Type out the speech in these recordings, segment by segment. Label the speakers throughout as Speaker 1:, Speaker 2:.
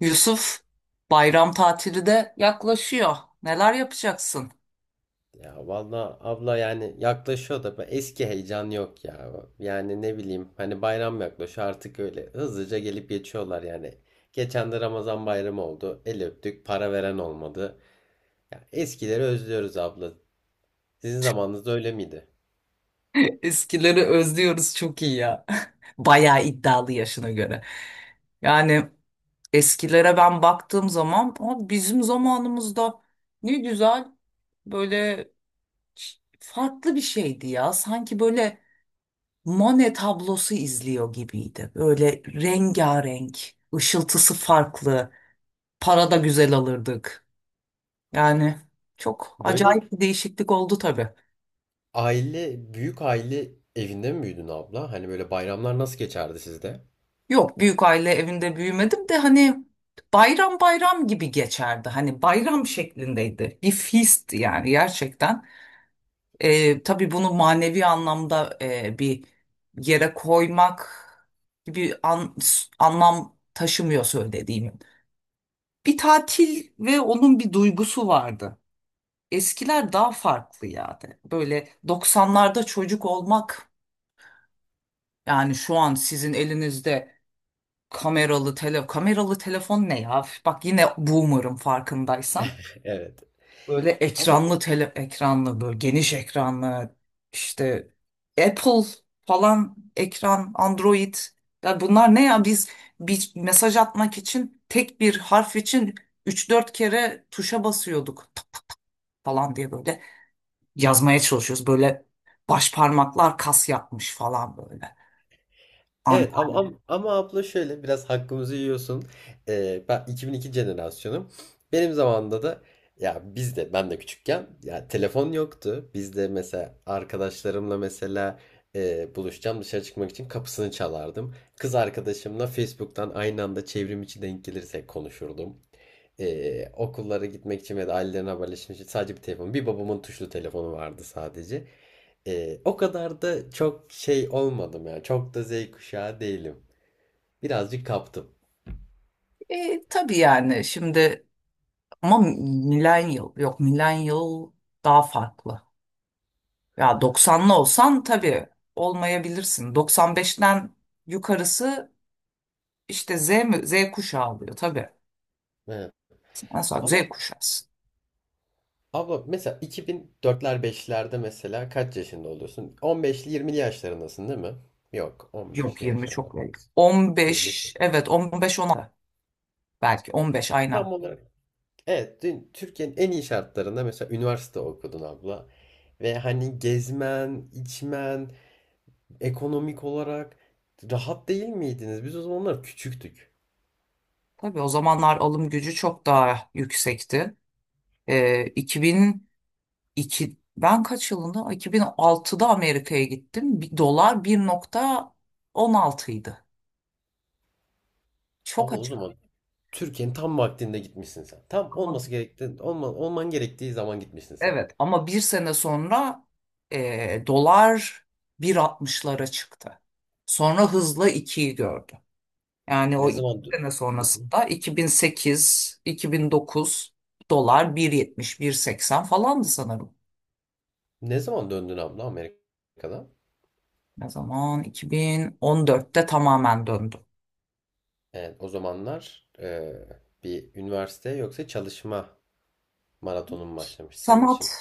Speaker 1: Yusuf, bayram tatili de yaklaşıyor. Neler yapacaksın?
Speaker 2: Ya valla abla yani yaklaşıyor da eski heyecan yok ya. Yani ne bileyim hani bayram yaklaşıyor artık öyle hızlıca gelip geçiyorlar yani. Geçen de Ramazan bayramı oldu. El öptük, para veren olmadı. Ya eskileri özlüyoruz abla. Sizin zamanınızda öyle miydi?
Speaker 1: Eskileri özlüyoruz, çok iyi ya. Bayağı iddialı yaşına göre. Yani eskilere ben baktığım zaman, "Aa, bizim zamanımızda ne güzel böyle farklı bir şeydi ya. Sanki böyle Monet tablosu izliyor gibiydi. Böyle rengarenk, ışıltısı farklı. Para da güzel alırdık. Yani çok
Speaker 2: Böyle
Speaker 1: acayip bir değişiklik oldu tabii."
Speaker 2: aile, büyük aile evinde mi büyüdün abla? Hani böyle bayramlar nasıl geçerdi sizde?
Speaker 1: Yok, büyük aile evinde büyümedim de hani bayram bayram gibi geçerdi. Hani bayram şeklindeydi. Bir feast yani gerçekten. Tabii bunu manevi anlamda bir yere koymak gibi anlam taşımıyor söylediğimin. Bir tatil ve onun bir duygusu vardı. Eskiler daha farklı yani. Böyle 90'larda çocuk olmak, yani şu an sizin elinizde kameralı telefon ne ya? Üf, bak yine boomer'ım farkındaysan.
Speaker 2: Evet.
Speaker 1: Böyle
Speaker 2: Ama
Speaker 1: ekranlı, böyle geniş ekranlı, işte Apple falan ekran, Android. Ya bunlar ne ya, biz bir mesaj atmak için tek bir harf için üç dört kere tuşa basıyorduk, tak tak tak falan diye böyle yazmaya çalışıyoruz. Böyle baş parmaklar kas yapmış falan böyle.
Speaker 2: evet,
Speaker 1: Anten.
Speaker 2: ama abla şöyle biraz hakkımızı yiyorsun. Ben 2002 jenerasyonum. Benim zamanımda da ya biz de ben de küçükken ya telefon yoktu. Biz de mesela arkadaşlarımla mesela buluşacağım dışarı çıkmak için kapısını çalardım. Kız arkadaşımla Facebook'tan aynı anda çevrim içi denk gelirse konuşurdum. Okullara gitmek için ya da ailelerine haberleşmek için sadece bir telefon. Bir babamın tuşlu telefonu vardı sadece. O kadar da çok şey olmadım ya. Çok da Z kuşağı değilim. Birazcık kaptım.
Speaker 1: Tabii yani şimdi, ama millennial, yok millennial daha farklı. Ya 90'lı olsan tabii olmayabilirsin. 95'ten yukarısı işte, Z mi? Z kuşağı oluyor tabii.
Speaker 2: Evet.
Speaker 1: Mesela
Speaker 2: Ama
Speaker 1: Z kuşağısı.
Speaker 2: abla mesela 2004'ler 5'lerde mesela kaç yaşında oluyorsun? 15'li 20'li yaşlarındasın değil mi? Yok,
Speaker 1: Yok,
Speaker 2: 15'li
Speaker 1: 20
Speaker 2: yaşlarında
Speaker 1: çok belli.
Speaker 2: fazla. 23
Speaker 1: 15,
Speaker 2: oldu.
Speaker 1: evet, 15, 16, belki 15, aynen.
Speaker 2: Tam olarak. Evet, dün Türkiye'nin en iyi şartlarında mesela üniversite okudun abla. Ve hani gezmen, içmen, ekonomik olarak rahat değil miydiniz? Biz o zamanlar küçüktük.
Speaker 1: Tabii o zamanlar alım gücü çok daha yüksekti. 2002, ben kaç yılında? 2006'da Amerika'ya gittim. Dolar 1.16 idi. Çok.
Speaker 2: Abla o zaman Türkiye'nin tam vaktinde gitmişsin sen. Tam
Speaker 1: Ama-
Speaker 2: olması gerektiği, olman gerektiği zaman gitmişsin sen.
Speaker 1: evet, ama bir sene sonra dolar 1.60'lara çıktı. Sonra hızla 2'yi gördü. Yani o
Speaker 2: Ne
Speaker 1: 2
Speaker 2: zaman dö-
Speaker 1: sene
Speaker 2: Hı hı.
Speaker 1: sonrasında, 2008, 2009 dolar 1.70, 1.80 falandı sanırım.
Speaker 2: Ne zaman döndün abla Amerika'dan?
Speaker 1: Ne zaman? 2014'te tamamen döndü.
Speaker 2: Evet, o zamanlar bir üniversite yoksa çalışma maratonun mu başlamış senin için?
Speaker 1: Sanat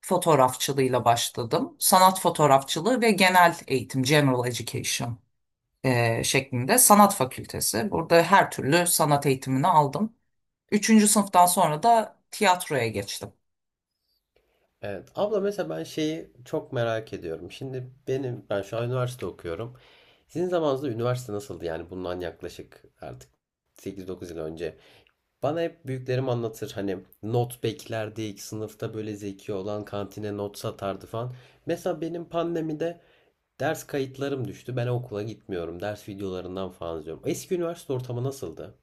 Speaker 1: fotoğrafçılığıyla başladım. Sanat fotoğrafçılığı ve genel eğitim, general education şeklinde sanat fakültesi. Burada her türlü sanat eğitimini aldım. Üçüncü sınıftan sonra da tiyatroya geçtim.
Speaker 2: Evet. Abla mesela ben şeyi çok merak ediyorum. Şimdi ben şu an üniversite okuyorum. Sizin zamanınızda üniversite nasıldı? Yani bundan yaklaşık artık 8-9 yıl önce. Bana hep büyüklerim anlatır hani not beklerdik, sınıfta böyle zeki olan kantine not satardı falan. Mesela benim pandemide ders kayıtlarım düştü. Ben okula gitmiyorum. Ders videolarından falan izliyorum. Eski üniversite ortamı nasıldı?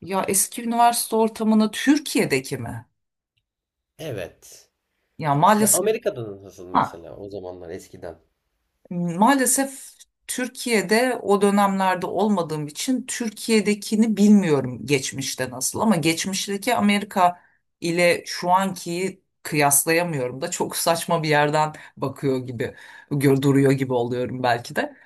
Speaker 1: Ya eski üniversite ortamını Türkiye'deki mi?
Speaker 2: Evet.
Speaker 1: Ya
Speaker 2: Ve
Speaker 1: maalesef,
Speaker 2: Amerika'da nasıl
Speaker 1: ha,
Speaker 2: mesela o zamanlar eskiden?
Speaker 1: maalesef Türkiye'de o dönemlerde olmadığım için Türkiye'dekini bilmiyorum geçmişte nasıl, ama geçmişteki Amerika ile şu ankiyi kıyaslayamıyorum da, çok saçma bir yerden bakıyor gibi, duruyor gibi oluyorum belki de.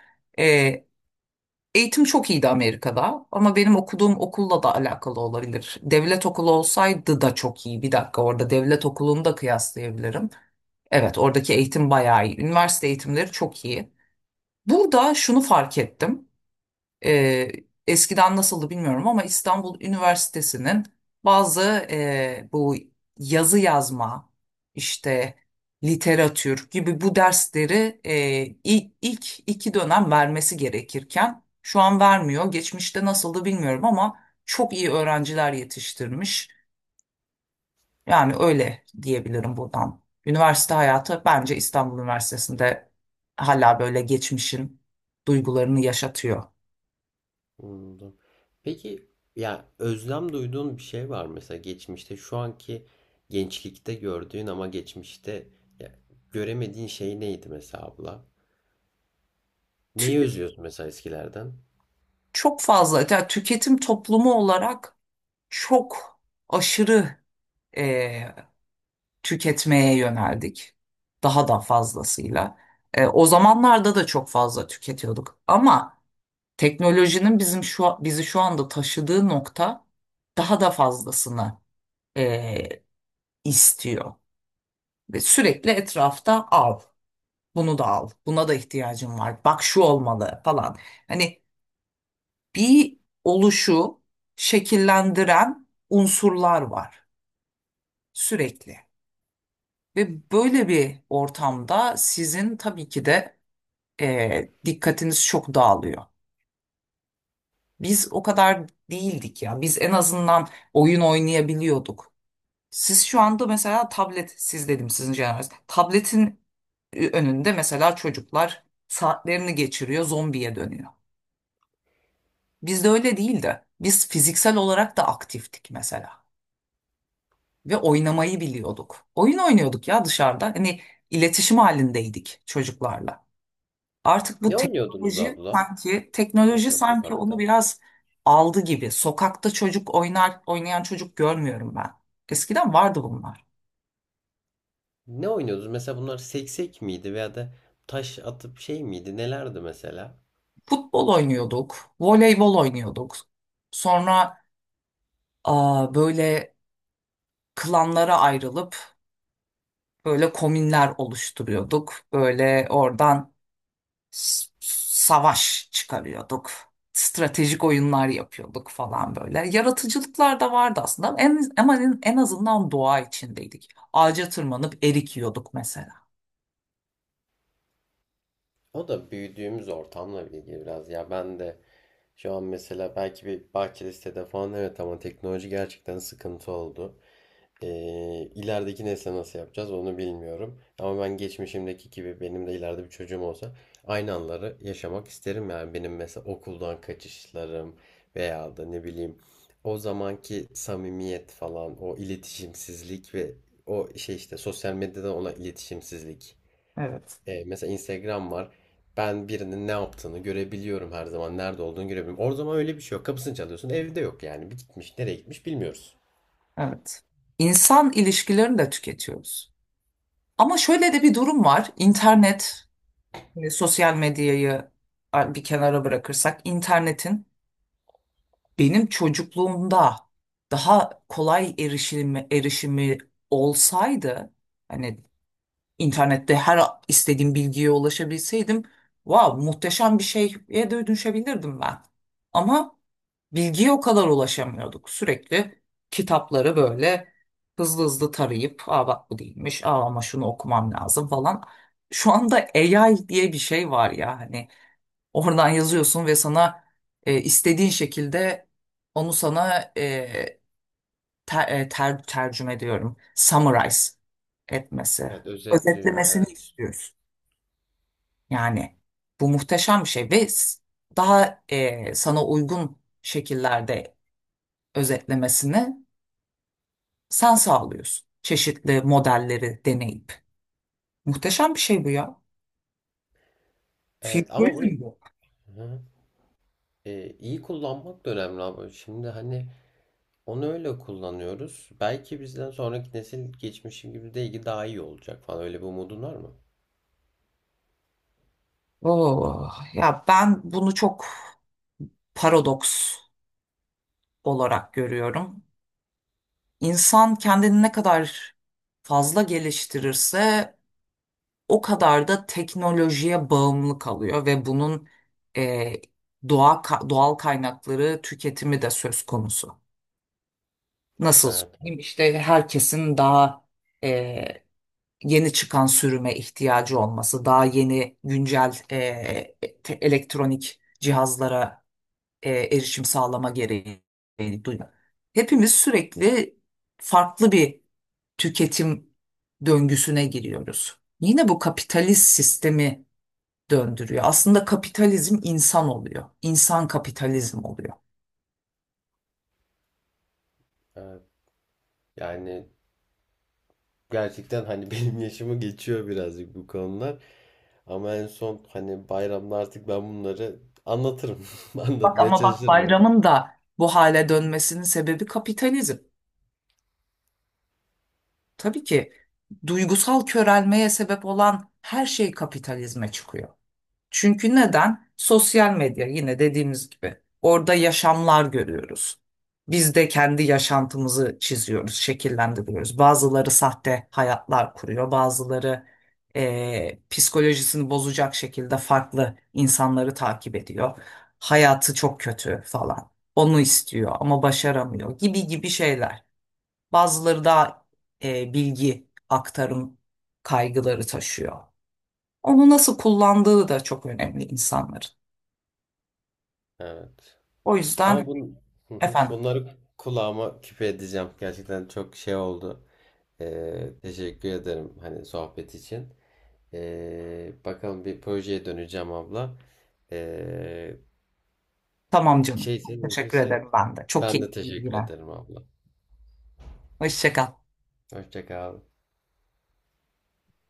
Speaker 1: Eğitim çok iyiydi Amerika'da, ama benim okuduğum okulla da alakalı olabilir. Devlet okulu olsaydı da çok iyi. Bir dakika, orada devlet okulunu da kıyaslayabilirim. Evet, oradaki eğitim bayağı iyi. Üniversite eğitimleri çok iyi. Burada şunu fark ettim. Ee, Eskiden nasıldı bilmiyorum, ama İstanbul Üniversitesi'nin bazı, bu yazı yazma, işte literatür gibi bu dersleri, ilk 2 dönem vermesi gerekirken şu an vermiyor. Geçmişte nasıldı bilmiyorum, ama çok iyi öğrenciler yetiştirmiş. Yani öyle diyebilirim buradan. Üniversite hayatı bence İstanbul Üniversitesi'nde hala böyle geçmişin duygularını yaşatıyor.
Speaker 2: Anladım. Peki ya özlem duyduğun bir şey var mı? Mesela geçmişte şu anki gençlikte gördüğün ama geçmişte ya, göremediğin şey neydi mesela abla? Neyi
Speaker 1: Tü-
Speaker 2: özlüyorsun mesela eskilerden?
Speaker 1: Çok fazla, yani tüketim toplumu olarak çok aşırı tüketmeye yöneldik. Daha da fazlasıyla. O zamanlarda da çok fazla tüketiyorduk. Ama teknolojinin bizi şu anda taşıdığı nokta, daha da fazlasını e, istiyor. Ve sürekli etrafta, al, bunu da al, buna da ihtiyacım var. Bak şu olmalı falan. Hani bir oluşu şekillendiren unsurlar var sürekli. Ve böyle bir ortamda sizin tabii ki de dikkatiniz çok dağılıyor. Biz o kadar değildik ya. Biz en azından oyun oynayabiliyorduk. Siz şu anda mesela tablet, siz dedim sizin jenerasyon. Tabletin önünde mesela çocuklar saatlerini geçiriyor, zombiye dönüyor. Bizde öyle değildi. Biz fiziksel olarak da aktiftik mesela. Ve oynamayı biliyorduk. Oyun oynuyorduk ya dışarıda. Hani iletişim halindeydik çocuklarla. Artık bu
Speaker 2: Ne oynuyordunuz
Speaker 1: teknoloji
Speaker 2: abla?
Speaker 1: sanki teknoloji
Speaker 2: Mesela
Speaker 1: sanki onu
Speaker 2: sokakta.
Speaker 1: biraz aldı gibi. Sokakta çocuk oynayan çocuk görmüyorum ben. Eskiden vardı bunlar.
Speaker 2: Ne oynuyordunuz? Mesela bunlar seksek miydi veya da taş atıp şey miydi? Nelerdi mesela?
Speaker 1: Futbol oynuyorduk, voleybol oynuyorduk. Sonra böyle klanlara ayrılıp böyle komünler oluşturuyorduk. Böyle oradan savaş çıkarıyorduk. Stratejik oyunlar yapıyorduk falan böyle. Yaratıcılıklar da vardı aslında, ama en azından doğa içindeydik. Ağaca tırmanıp erik yiyorduk mesela.
Speaker 2: O da büyüdüğümüz ortamla ilgili biraz ya. Ben de şu an mesela belki bir bahçeli sitede falan, evet, ama teknoloji gerçekten sıkıntı oldu. Ee, ilerideki nesle nasıl yapacağız onu bilmiyorum. Ama ben geçmişimdeki gibi benim de ileride bir çocuğum olsa aynı anları yaşamak isterim. Yani benim mesela okuldan kaçışlarım veya da ne bileyim o zamanki samimiyet falan, o iletişimsizlik ve o şey işte sosyal medyadan olan iletişimsizlik.
Speaker 1: Evet.
Speaker 2: Mesela Instagram var. Ben birinin ne yaptığını görebiliyorum her zaman. Nerede olduğunu görebiliyorum. O zaman öyle bir şey yok. Kapısını çalıyorsun. Evde yok yani. Bir gitmiş. Nereye gitmiş bilmiyoruz.
Speaker 1: Evet. İnsan ilişkilerini de tüketiyoruz. Ama şöyle de bir durum var. İnternet, sosyal medyayı bir kenara bırakırsak, internetin benim çocukluğumda daha kolay erişimi olsaydı, hani internette her istediğim bilgiye ulaşabilseydim, wow, muhteşem bir şeye de dönüşebilirdim ben. Ama bilgiye o kadar ulaşamıyorduk. Sürekli kitapları böyle hızlı hızlı tarayıp, aa bak bu değilmiş, aa ama şunu okumam lazım falan. Şu anda AI diye bir şey var ya hani. Oradan yazıyorsun ve sana istediğin şekilde onu sana tercüme diyorum. Summarize etmesi,
Speaker 2: Evet, özetliyor.
Speaker 1: özetlemesini
Speaker 2: Evet.
Speaker 1: istiyoruz. Yani bu muhteşem bir şey ve daha sana uygun şekillerde özetlemesini sen sağlıyorsun. Çeşitli modelleri deneyip. Muhteşem bir şey bu ya.
Speaker 2: Evet ama bunu,
Speaker 1: Futurizm bu.
Speaker 2: hı hı, iyi kullanmak da önemli abi. Şimdi hani onu öyle kullanıyoruz. Belki bizden sonraki nesil geçmişim gibi de daha iyi olacak falan. Öyle bir umudun var mı?
Speaker 1: Oo, ya ben bunu çok paradoks olarak görüyorum. İnsan kendini ne kadar fazla geliştirirse o kadar da teknolojiye bağımlı kalıyor, ve bunun e, doğal kaynakları tüketimi de söz konusu. Nasıl
Speaker 2: Evet,
Speaker 1: söyleyeyim? İşte herkesin daha e, yeni çıkan sürüme ihtiyacı olması, daha yeni güncel elektronik cihazlara erişim sağlama gereği duyuyor. Hepimiz sürekli farklı bir tüketim döngüsüne giriyoruz. Yine bu kapitalist sistemi döndürüyor. Aslında kapitalizm insan oluyor. İnsan kapitalizm oluyor.
Speaker 2: evet. Yani gerçekten hani benim yaşımı geçiyor birazcık bu konular. Ama en son hani bayramda artık ben bunları anlatırım.
Speaker 1: Bak,
Speaker 2: Anlatmaya
Speaker 1: ama bak,
Speaker 2: çalışırım artık.
Speaker 1: bayramın da bu hale dönmesinin sebebi kapitalizm. Tabii ki duygusal körelmeye sebep olan her şey kapitalizme çıkıyor. Çünkü neden? Sosyal medya, yine dediğimiz gibi, orada yaşamlar görüyoruz. Biz de kendi yaşantımızı çiziyoruz, şekillendiriyoruz. Bazıları sahte hayatlar kuruyor, bazıları psikolojisini bozacak şekilde farklı insanları takip ediyor. Hayatı çok kötü falan. Onu istiyor ama başaramıyor, gibi gibi şeyler. Bazıları daha bilgi aktarım kaygıları taşıyor. Onu nasıl kullandığı da çok önemli insanların.
Speaker 2: Evet.
Speaker 1: O
Speaker 2: Ama
Speaker 1: yüzden
Speaker 2: bun, hı hı.
Speaker 1: efendim.
Speaker 2: Bunları kulağıma küpe edeceğim. Gerçekten çok şey oldu. Teşekkür ederim hani sohbet için. Bakalım bir projeye döneceğim abla. Ee,
Speaker 1: Tamam canım.
Speaker 2: Şeyse
Speaker 1: Teşekkür
Speaker 2: mümkünse
Speaker 1: ederim ben de. Çok
Speaker 2: ben de
Speaker 1: keyifliydi
Speaker 2: teşekkür
Speaker 1: yine.
Speaker 2: ederim abla.
Speaker 1: Hoşça kal.
Speaker 2: Hoşça kal.